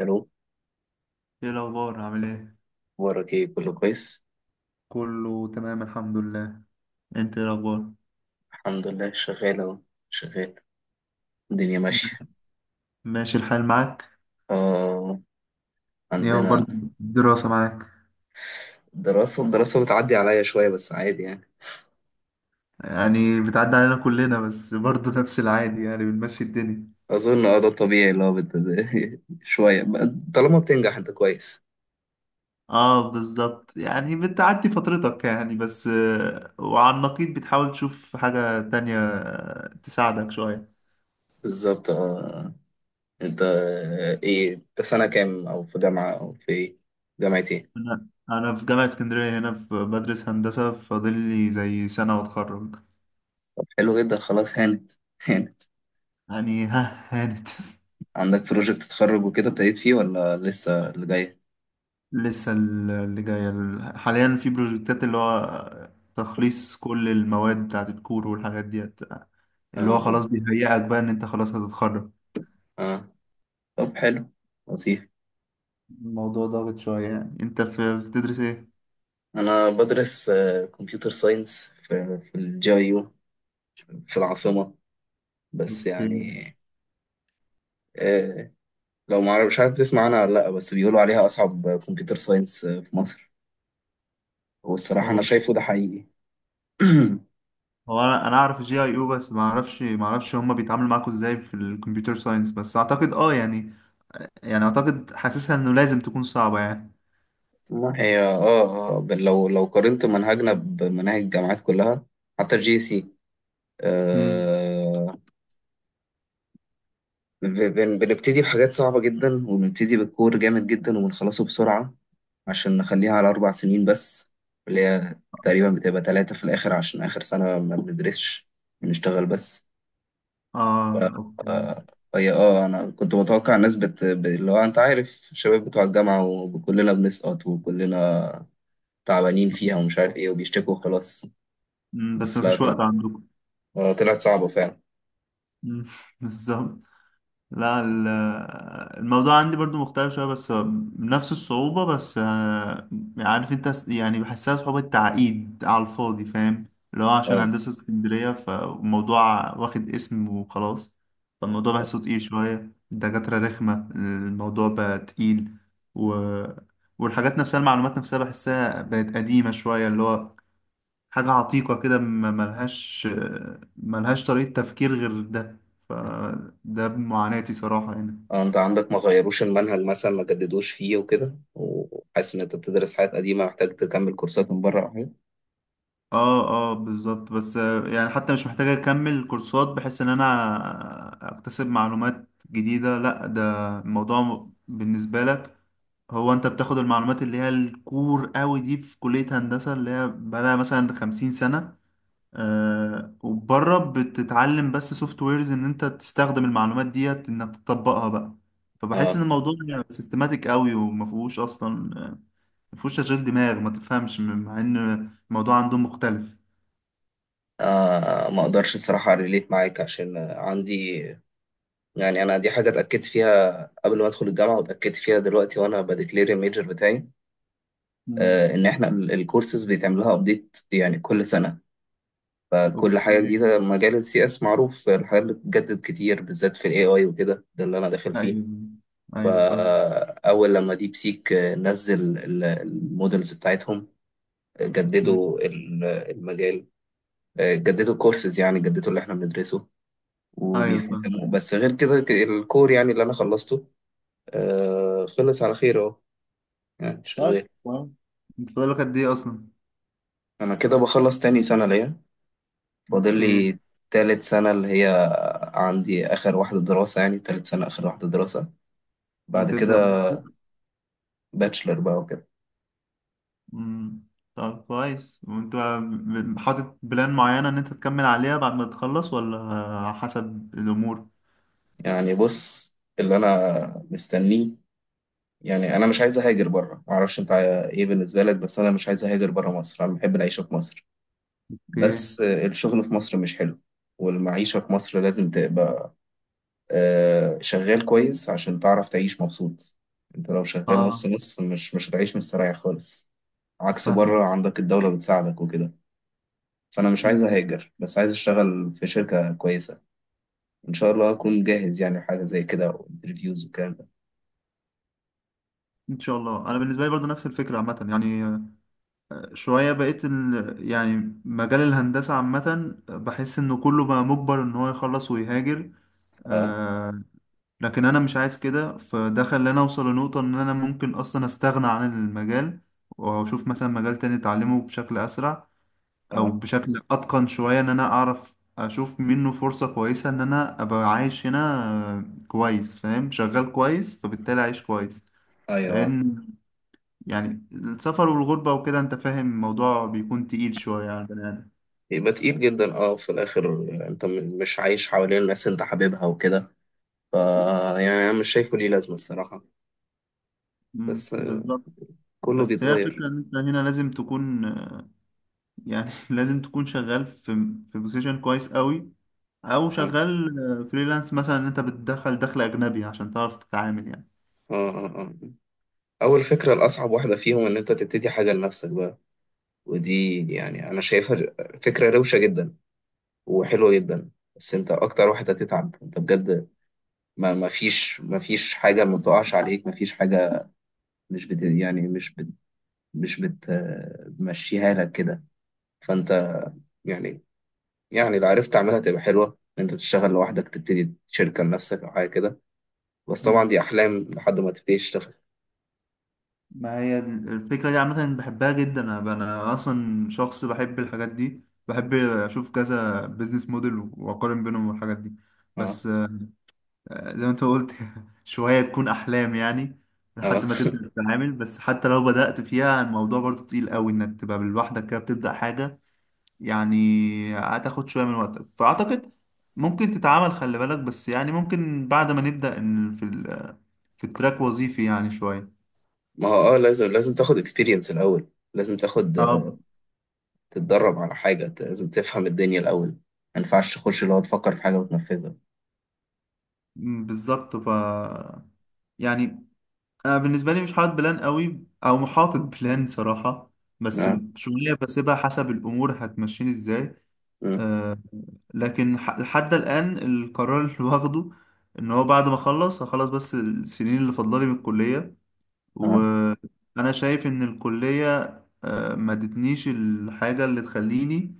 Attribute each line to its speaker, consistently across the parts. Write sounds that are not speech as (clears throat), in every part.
Speaker 1: الو.
Speaker 2: ايه الاخبار عامل ايه؟
Speaker 1: اخبارك ايه؟ كله كويس.
Speaker 2: كله تمام الحمد لله. انت ايه الاخبار؟
Speaker 1: الحمد لله، شغال اهو، شغال، الدنيا ماشية.
Speaker 2: ماشي الحال معاك؟
Speaker 1: آه
Speaker 2: ايه اخبار
Speaker 1: عندنا
Speaker 2: الدراسة معاك؟
Speaker 1: الدراسة بتعدي عليا شوية بس عادي يعني.
Speaker 2: يعني بتعدي علينا كلنا بس برضه (laughs) نفس العادي، يعني بنمشي الدنيا.
Speaker 1: أظن ده الطبيعي اللي هو (laughs) شوية طالما بتنجح أنت كويس.
Speaker 2: اه بالظبط، يعني بتعدي فترتك يعني، بس وعلى النقيض بتحاول تشوف حاجة تانية، تساعدك شوية.
Speaker 1: بالظبط اه. أنت، إيه؟ أنت سنة كام؟ أو في جامعة، أو في إيه؟ جامعة إيه؟
Speaker 2: انا في جامعة اسكندرية هنا، في بدرس هندسة، فاضل لي زي سنة واتخرج.
Speaker 1: حلو جدا، خلاص هانت، هانت.
Speaker 2: يعني ها، هانت.
Speaker 1: عندك بروجكت تتخرج وكده، ابتديت فيه ولا لسه اللي جاي؟
Speaker 2: لسه اللي جاية، حاليا في بروجكتات، اللي هو تخليص كل المواد بتاعت الكور والحاجات ديت،
Speaker 1: اه،
Speaker 2: اللي هو
Speaker 1: اه،
Speaker 2: خلاص بيهيئك بقى ان انت خلاص هتتخرج.
Speaker 1: اه. طب حلو، لطيف.
Speaker 2: الموضوع ضاغط شوية. يعني انت في بتدرس ايه؟
Speaker 1: أنا بدرس كمبيوتر ساينس في الجي آي يو، في العاصمة. بس
Speaker 2: اوكي.
Speaker 1: يعني، آه، لو ما عارف- مش عارف تسمع عنها ولا لأ، بس بيقولوا عليها أصعب كمبيوتر ساينس في مصر. والصراحة
Speaker 2: هو
Speaker 1: أنا شايفه ده حقيقي. (clears throat)
Speaker 2: هو انا اعرف الجي اي او، بس ما اعرفش هما بيتعاملوا معاكوا ازاي في الكمبيوتر ساينس، بس اعتقد اه يعني، يعني اعتقد حاسسها انه لازم تكون صعبة يعني.
Speaker 1: والله هي اه اه، لو قارنت منهجنا بمناهج الجامعات كلها، حتى الجي سي.
Speaker 2: امم
Speaker 1: آه ب- بنبتدي بحاجات صعبة جدا، وبنبتدي بالكور جامد جدا، وبنخلصه بسرعة عشان نخليها على 4 سنين بس. اللي هي تقريبا بتبقى تلاتة في الآخر، عشان آخر سنة ما بندرسش، بنشتغل بس. ف...
Speaker 2: اه اوكي.
Speaker 1: آه، هي اه، أنا كنت متوقع الناس اللي هو أنت عارف الشباب بتوع الجامعة، وكلنا بنسقط، وكلنا تعبانين فيها، ومش عارف إيه، وبيشتكوا وخلاص.
Speaker 2: بس
Speaker 1: بس لا،
Speaker 2: مفيش وقت عندكم.
Speaker 1: طلعت صعبة فعلا.
Speaker 2: مم. (laughs) بالظبط. لا، الموضوع عندي برضو مختلف شوية، بس نفس الصعوبة بس عارف انت يعني بحسها صعوبة تعقيد على الفاضي، فاهم؟ اللي هو عشان
Speaker 1: اه،
Speaker 2: هندسة اسكندرية، فالموضوع واخد اسم وخلاص. فالموضوع بحسه تقيل شوية، الدكاترة رخمة، الموضوع بقى تقيل و... والحاجات نفسها المعلومات نفسها بحسها بقت قديمة شوية، اللي هو حاجة عتيقة كده، ملهاش طريقة تفكير غير ده. فده معاناتي صراحة يعني.
Speaker 1: انت عندك ما غيروش المنهج مثلا، ما جددوش فيه وكده، وحاسس ان انت بتدرس حاجات قديمه، محتاج تكمل كورسات من بره او حاجه؟
Speaker 2: اه اه بالظبط، بس يعني حتى مش محتاج اكمل كورسات بحيث ان انا اكتسب معلومات جديدة، لا، ده الموضوع بالنسبة لك هو انت بتاخد المعلومات اللي هي الكور قوي دي في كلية هندسة اللي هي بقالها مثلا 50 سنة. آه وبره بتتعلم بس سوفت ويرز ان انت تستخدم المعلومات ديت انك تطبقها بقى. فبحس ان
Speaker 1: اه،
Speaker 2: الموضوع سيستماتيك قوي، وما فيهوش اصلا ما فيهوش تشغيل دماغ، ما تفهمش، مع ان الموضوع عندهم مختلف.
Speaker 1: ما اقدرش الصراحه ريليت معاك، عشان عندي يعني، انا دي حاجه اتاكدت فيها قبل ما ادخل الجامعه، واتاكدت فيها دلوقتي وانا بديكلير الميجر بتاعي.
Speaker 2: مم.
Speaker 1: ان احنا الكورسز بيتعمل لها ابديت يعني كل سنه. فكل حاجه
Speaker 2: اوكي.
Speaker 1: جديده، مجال السي اس معروف الحاجات اللي بتتجدد كتير، بالذات في الاي اي وكده، ده اللي انا داخل فيه.
Speaker 2: ايوه، ايوه فاهم.
Speaker 1: فاول لما ديب سيك نزل المودلز بتاعتهم،
Speaker 2: مم.
Speaker 1: جددوا المجال، جددوا الكورسز، يعني جددوا اللي احنا بندرسه
Speaker 2: ايوه فاهم.
Speaker 1: وبيفهموا. بس غير كده، الكور يعني اللي انا خلصته، خلص على خير اهو، يعني
Speaker 2: طيب
Speaker 1: شغال.
Speaker 2: كويس. انت فاضلك قد ايه اصلا؟
Speaker 1: انا كده بخلص تاني سنة ليا، فاضل
Speaker 2: اوكي.
Speaker 1: لي تالت سنة، اللي هي عندي اخر واحدة دراسة، يعني تالت سنة اخر واحدة دراسة، بعد كده
Speaker 2: وتبدا.
Speaker 1: باتشلر بقى وكده.
Speaker 2: مم. طب كويس. وانت حاطط بلان معينة ان انت تكمل عليها بعد ما تخلص، ولا حسب الامور؟
Speaker 1: يعني بص، اللي انا مستنيه، يعني انا مش عايز اهاجر بره، معرفش انت ايه بالنسبة لك، بس انا مش عايز اهاجر بره مصر، انا بحب العيشة في مصر.
Speaker 2: اوكي.
Speaker 1: بس الشغل في مصر مش حلو، والمعيشة في مصر لازم تبقى شغال كويس عشان تعرف تعيش مبسوط. انت لو شغال نص
Speaker 2: اه
Speaker 1: نص، مش هتعيش مستريح خالص، عكس
Speaker 2: فاهمك.
Speaker 1: بره عندك الدولة بتساعدك وكده. فانا مش عايز
Speaker 2: مم.
Speaker 1: اهاجر، بس عايز اشتغل في شركة كويسة، ان شاء الله اكون جاهز يعني حاجة زي كده وانترفيوز والكلام ده.
Speaker 2: ان شاء الله. انا بالنسبه لي برضه نفس الفكره عامه يعني. شويه بقيت يعني مجال الهندسه عامه بحس انه كله بقى مجبر ان هو يخلص ويهاجر.
Speaker 1: اه،
Speaker 2: آه لكن انا مش عايز كده، فده خلاني اوصل لنقطه ان انا ممكن اصلا استغنى عن المجال، واشوف مثلا مجال تاني اتعلمه بشكل اسرع او
Speaker 1: اه،
Speaker 2: بشكل اتقن شوية، ان انا اعرف اشوف منه فرصة كويسة ان انا ابقى عايش هنا كويس، فاهم؟ شغال كويس فبالتالي عايش كويس.
Speaker 1: ايوه.
Speaker 2: لان، يعني السفر والغربة وكده انت فاهم، الموضوع بيكون تقيل شوية على البني ادم.
Speaker 1: يبقى تقيل جدا، اه، في الاخر. انت مش عايش حوالين الناس اللي انت حاببها وكده. ف، يعني انا مش شايفه ليه لازمة الصراحة.
Speaker 2: مم،
Speaker 1: بس
Speaker 2: بالظبط.
Speaker 1: كله
Speaker 2: بس هي
Speaker 1: بيتغير.
Speaker 2: الفكرة ان انت هنا لازم تكون، يعني (laughs) لازم تكون شغال في بوزيشن كويس قوي، او
Speaker 1: اه،
Speaker 2: شغال فريلانس مثلا ان انت بتدخل دخل اجنبي عشان تعرف تتعامل.
Speaker 1: اه، اه. اول فكره، الاصعب واحده فيهم ان انت تبتدي حاجه لنفسك بقى. ودي يعني انا شايفها فكره روشه جدا وحلوه جدا. بس انت اكتر واحد هتتعب انت بجد، ما فيش، حاجه ما بتقعش عليك، ما فيش حاجه، مش بت يعني مش بتمشيها لك كده. فانت يعني يعني لو عرفت تعملها تبقى حلوه، إن انت تشتغل لوحدك، تبتدي شركه لنفسك او حاجه كده، بس طبعا
Speaker 2: يعني
Speaker 1: دي احلام لحد ما تبتدي تشتغل.
Speaker 2: ما هي الفكرة دي عامة بحبها جدا. أنا أصلا شخص بحب الحاجات دي، بحب أشوف كذا بيزنس موديل وأقارن بينهم والحاجات دي،
Speaker 1: اه،
Speaker 2: بس زي ما أنت قلت (laughs) شوية تكون أحلام يعني لحد
Speaker 1: اه.
Speaker 2: ما تبدأ تتعامل. بس حتى لو بدأت فيها، الموضوع برضو تقيل قوي إنك تبقى لوحدك كده بتبدأ حاجة يعني، هتاخد شوية من وقتك. فأعتقد ممكن تتعامل، خلي بالك بس، يعني ممكن بعد ما نبدأ إن في في التراك وظيفي يعني شوية.
Speaker 1: ما هو اه، لازم تاخد اكسبيرينس الاول، لازم تاخد،
Speaker 2: اه.
Speaker 1: تتدرب على حاجة، لازم تفهم الدنيا الأول، ما ينفعش تخش اللي هو تفكر في حاجة وتنفذها.
Speaker 2: مم، بالظبط. ف يعني انا بالنسبه لي مش حاطط بلان قوي او محاطط بلان صراحه، بس
Speaker 1: آه.
Speaker 2: شويه بسيبها حسب الامور هتمشيني ازاي.
Speaker 1: آه.
Speaker 2: أه لكن لحد الان القرار اللي واخده ان هو بعد ما اخلص هخلص بس السنين اللي فاضلالي من الكليه،
Speaker 1: آه.
Speaker 2: وانا شايف ان الكليه أه ما ادتنيش الحاجه اللي تخليني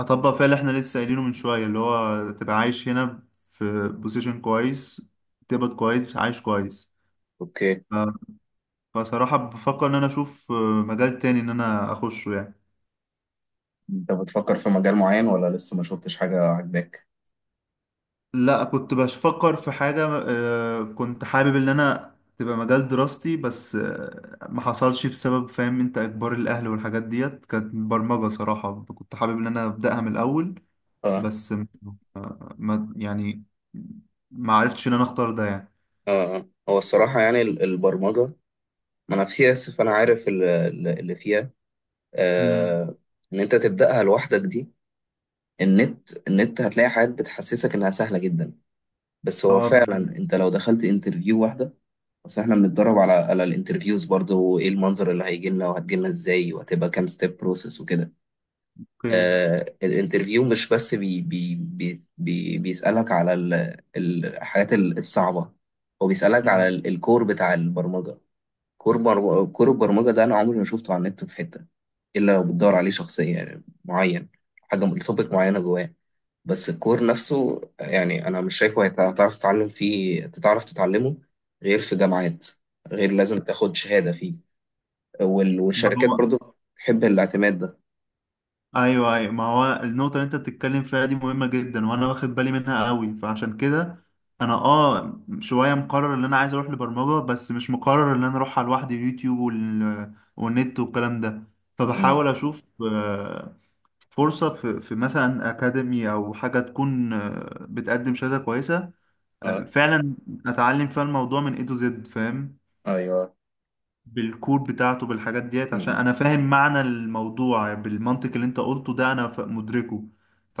Speaker 2: اطبق فيها اللي احنا لسه قايلينه من شويه، اللي هو تبقى عايش هنا في بوزيشن كويس، تقبض كويس، عايش كويس.
Speaker 1: أوكي.
Speaker 2: ف، فصراحة بفكر إن أنا أشوف مجال تاني إن أنا أخشه يعني.
Speaker 1: أنت بتفكر في مجال معين ولا لسه ما شفتش حاجة عاجباك؟
Speaker 2: لا كنت بفكر في حاجة، كنت حابب إن أنا تبقى مجال دراستي، بس ما حصلش بسبب فاهم أنت إجبار الأهل والحاجات ديت. كانت برمجة صراحة، كنت حابب إن أنا أبدأها من الأول،
Speaker 1: آه.
Speaker 2: بس ما، يعني ما عرفتش إن أنا أختار ده يعني.
Speaker 1: آه. آه. هو الصراحة يعني البرمجة، ما أنا في سي إس فأنا عارف اللي فيها.
Speaker 2: مم.
Speaker 1: آه. إن أنت تبدأها لوحدك دي، النت هتلاقي حاجات بتحسسك إنها سهلة جدا، بس هو
Speaker 2: اه
Speaker 1: فعلا
Speaker 2: بالظبط.
Speaker 1: أنت لو دخلت انترفيو واحدة. بس احنا بنتدرب على الانترفيوز برضه، وايه المنظر اللي هيجي لنا وهتجي لنا ازاي، وهتبقى كام ستيب بروسيس وكده.
Speaker 2: اوكي.
Speaker 1: الانترفيو مش بس بي بي بي بي بيسألك على الحاجات الصعبة، هو بيسألك على
Speaker 2: مم.
Speaker 1: الكور بتاع البرمجة. كور البرمجة ده انا عمري ما شفته على النت في حتة، الا لو بتدور عليه شخصيا يعني معين، حاجة توبيك معينة جواه. بس الكور نفسه يعني انا مش شايفه هتعرف تتعلم فيه تتعرف تتعلمه غير في جامعات، غير لازم تاخد شهادة فيه.
Speaker 2: ما
Speaker 1: والشركات
Speaker 2: هو،
Speaker 1: برضو بتحب الاعتماد ده.
Speaker 2: ايوه ايوه ما هو النقطه اللي انت بتتكلم فيها دي مهمه جدا، وانا واخد بالي منها قوي، فعشان كده انا اه شويه مقرر ان انا عايز اروح لبرمجه، بس مش مقرر ان انا اروح على لوحدي يوتيوب والنت والكلام ده.
Speaker 1: امم،
Speaker 2: فبحاول اشوف فرصه في, في مثلا اكاديمي او حاجه تكون بتقدم شهاده كويسه.
Speaker 1: اه،
Speaker 2: فعلا اتعلم فيها الموضوع من اي تو زد، فاهم؟
Speaker 1: ايوه.
Speaker 2: بالكود بتاعته بالحاجات ديت، عشان
Speaker 1: امم،
Speaker 2: انا فاهم معنى الموضوع بالمنطق اللي انت قلته ده، انا مدركه.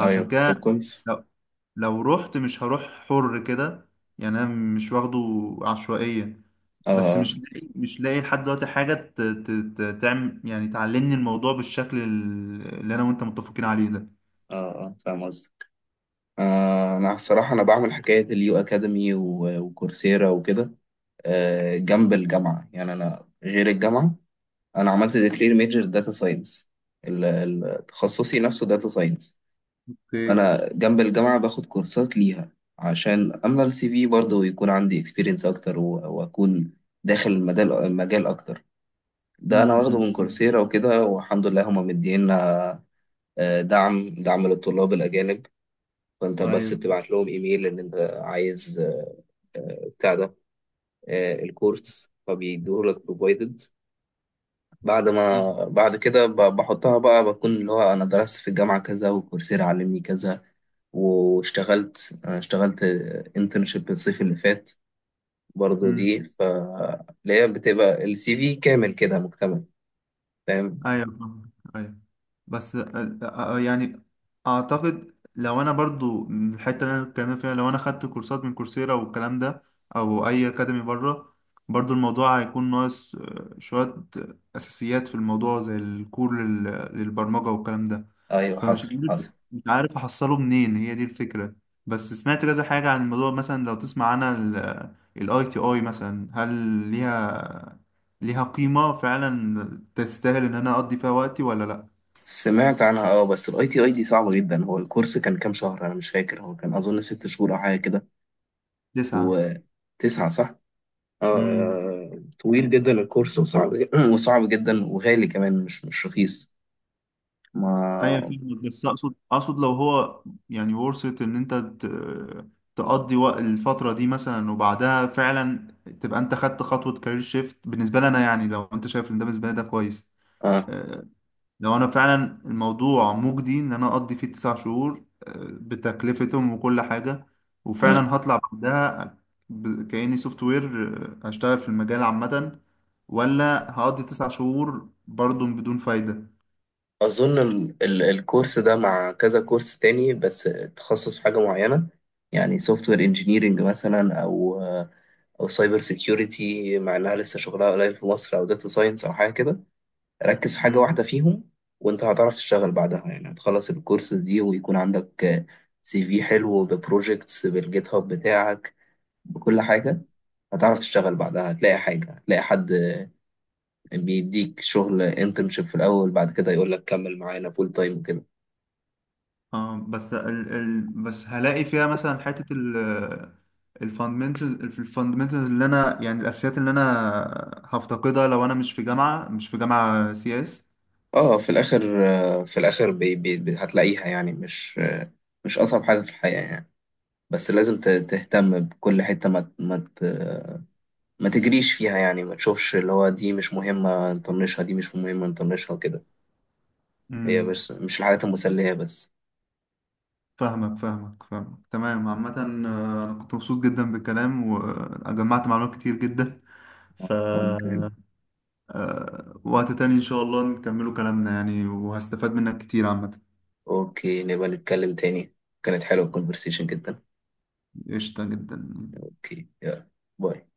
Speaker 1: ايوه، طب
Speaker 2: كده،
Speaker 1: كويس.
Speaker 2: لو، لو رحت مش هروح حر كده، يعني انا مش واخده عشوائيا، بس
Speaker 1: اه،
Speaker 2: مش لاقي لحد دلوقتي حاجة تعمل، يعني تعلمني الموضوع بالشكل اللي انا وانت متفقين عليه ده.
Speaker 1: اه، اه، فاهم قصدك. آه، انا الصراحة انا بعمل حكاية اليو اكاديمي وكورسيرا وكده، آه جنب الجامعة، يعني انا غير الجامعة، انا عملت ديكلير ميجر داتا ساينس، تخصصي نفسه داتا ساينس.
Speaker 2: اوكي.
Speaker 1: فانا جنب الجامعه باخد كورسات ليها عشان املى السي في برضه، ويكون عندي اكسبيرينس اكتر واكون داخل المجال اكتر. ده
Speaker 2: امم.
Speaker 1: انا واخده من
Speaker 2: أمم.
Speaker 1: كورسيرا وكده، والحمد لله هما مدينا دعم، دعم للطلاب الاجانب. فانت بس
Speaker 2: ايوه.
Speaker 1: بتبعت لهم ايميل ان انت عايز بتاع ده، الكورس فبيدوه لك بروفايدد. بعد
Speaker 2: امم.
Speaker 1: ما بعد كده، بحطها بقى، بكون اللي هو انا درست في الجامعه كذا، وكورسيرا علمني كذا. اشتغلت انترنشيب الصيف اللي فات برضه
Speaker 2: أمم.
Speaker 1: دي، فهي بتبقى السي في كامل كده مكتمل، فاهم؟
Speaker 2: ايوه فاهم. ايوه. بس يعني اعتقد لو انا برضو من الحته اللي انا اتكلمنا فيها، لو انا خدت كورسات من كورسيرا والكلام ده او اي اكاديمي بره، برضو الموضوع هيكون ناقص شويه اساسيات في الموضوع، زي الكور للبرمجه والكلام ده.
Speaker 1: ايوه،
Speaker 2: فمش
Speaker 1: حصل،
Speaker 2: عارف
Speaker 1: حصل.
Speaker 2: مش عارف احصله منين، هي دي الفكرة. بس سمعت كذا حاجة عن الموضوع، مثلا لو تسمع عنها، الاي تي اي مثلا، هل ليها ليها قيمة فعلا تستاهل ان انا اقضي فيها وقتي ولا لا؟
Speaker 1: سمعت عنها اه، بس الاي تي اي دي صعبة جدا. هو الكورس كان كام شهر؟ انا مش فاكر، هو كان اظن 6 شهور او حاجة كده.
Speaker 2: تسعة.
Speaker 1: وتسعة، صح؟ اه.
Speaker 2: امم.
Speaker 1: طويل جدا الكورس وصعب، (clears throat) وصعب جدا، وغالي كمان، مش رخيص. ما
Speaker 2: ايوه فاهمك، بس اقصد لو هو يعني ورثة ان انت تقضي وقت الفترة دي مثلا وبعدها فعلا تبقى انت خدت خطوة كارير شيفت بالنسبة لنا، يعني لو انت شايف ان ده بالنسبة لي ده كويس.
Speaker 1: اه،
Speaker 2: آه، لو انا فعلا الموضوع مجدي ان انا اقضي فيه 9 شهور، بتكلفتهم وكل حاجة، وفعلا هطلع بعدها كأني سوفت وير، هشتغل في المجال عامة، ولا هقضي 9 شهور برضو بدون فايدة؟
Speaker 1: أظن الكورس ده مع كذا كورس تاني، بس تخصص في حاجة معينة، يعني سوفت وير انجينيرنج مثلا، أو سايبر سيكيورتي، مع إنها لسه شغلها قليل في مصر، أو داتا ساينس أو حاجة كده. ركز في حاجة
Speaker 2: مم.
Speaker 1: واحدة فيهم، وأنت هتعرف تشتغل بعدها، يعني هتخلص الكورس دي ويكون عندك سي في حلو ببروجيكتس بالجيت هاب بتاعك بكل حاجة، هتعرف تشتغل بعدها، هتلاقي حاجة، هتلاقي حد بيديك شغل انترنشيب في الأول، بعد كده يقول لك كمل معانا فول تايم وكده.
Speaker 2: اه بس ال بس هلاقي فيها مثلا حتة الفاندمنتالز، اللي انا يعني الاساسيات اللي انا هفتقدها لو انا مش في جامعة سي
Speaker 1: اه، في الاخر، في الاخر هتلاقيها، يعني مش، مش اصعب حاجه في الحياه يعني، بس لازم تهتم بكل حته، ما تجريش فيها يعني، ما تشوفش اللي هو دي مش مهمه نطنشها، دي مش مهمه نطنشها وكده،
Speaker 2: اس.
Speaker 1: هي مش الحاجات المسليه بس.
Speaker 2: فاهمك تمام. عامة أنا كنت مبسوط جدا بالكلام، وجمعت معلومات كتير جدا. ف
Speaker 1: ممكن.
Speaker 2: وقت تاني إن شاء الله نكملوا كلامنا يعني، وهستفاد منك كتير عامة.
Speaker 1: اوكي، نبقى نتكلم تاني، كانت حلوه الكونفرسيشن جدا.
Speaker 2: قشطة جدا.
Speaker 1: اوكي، يلا، باي.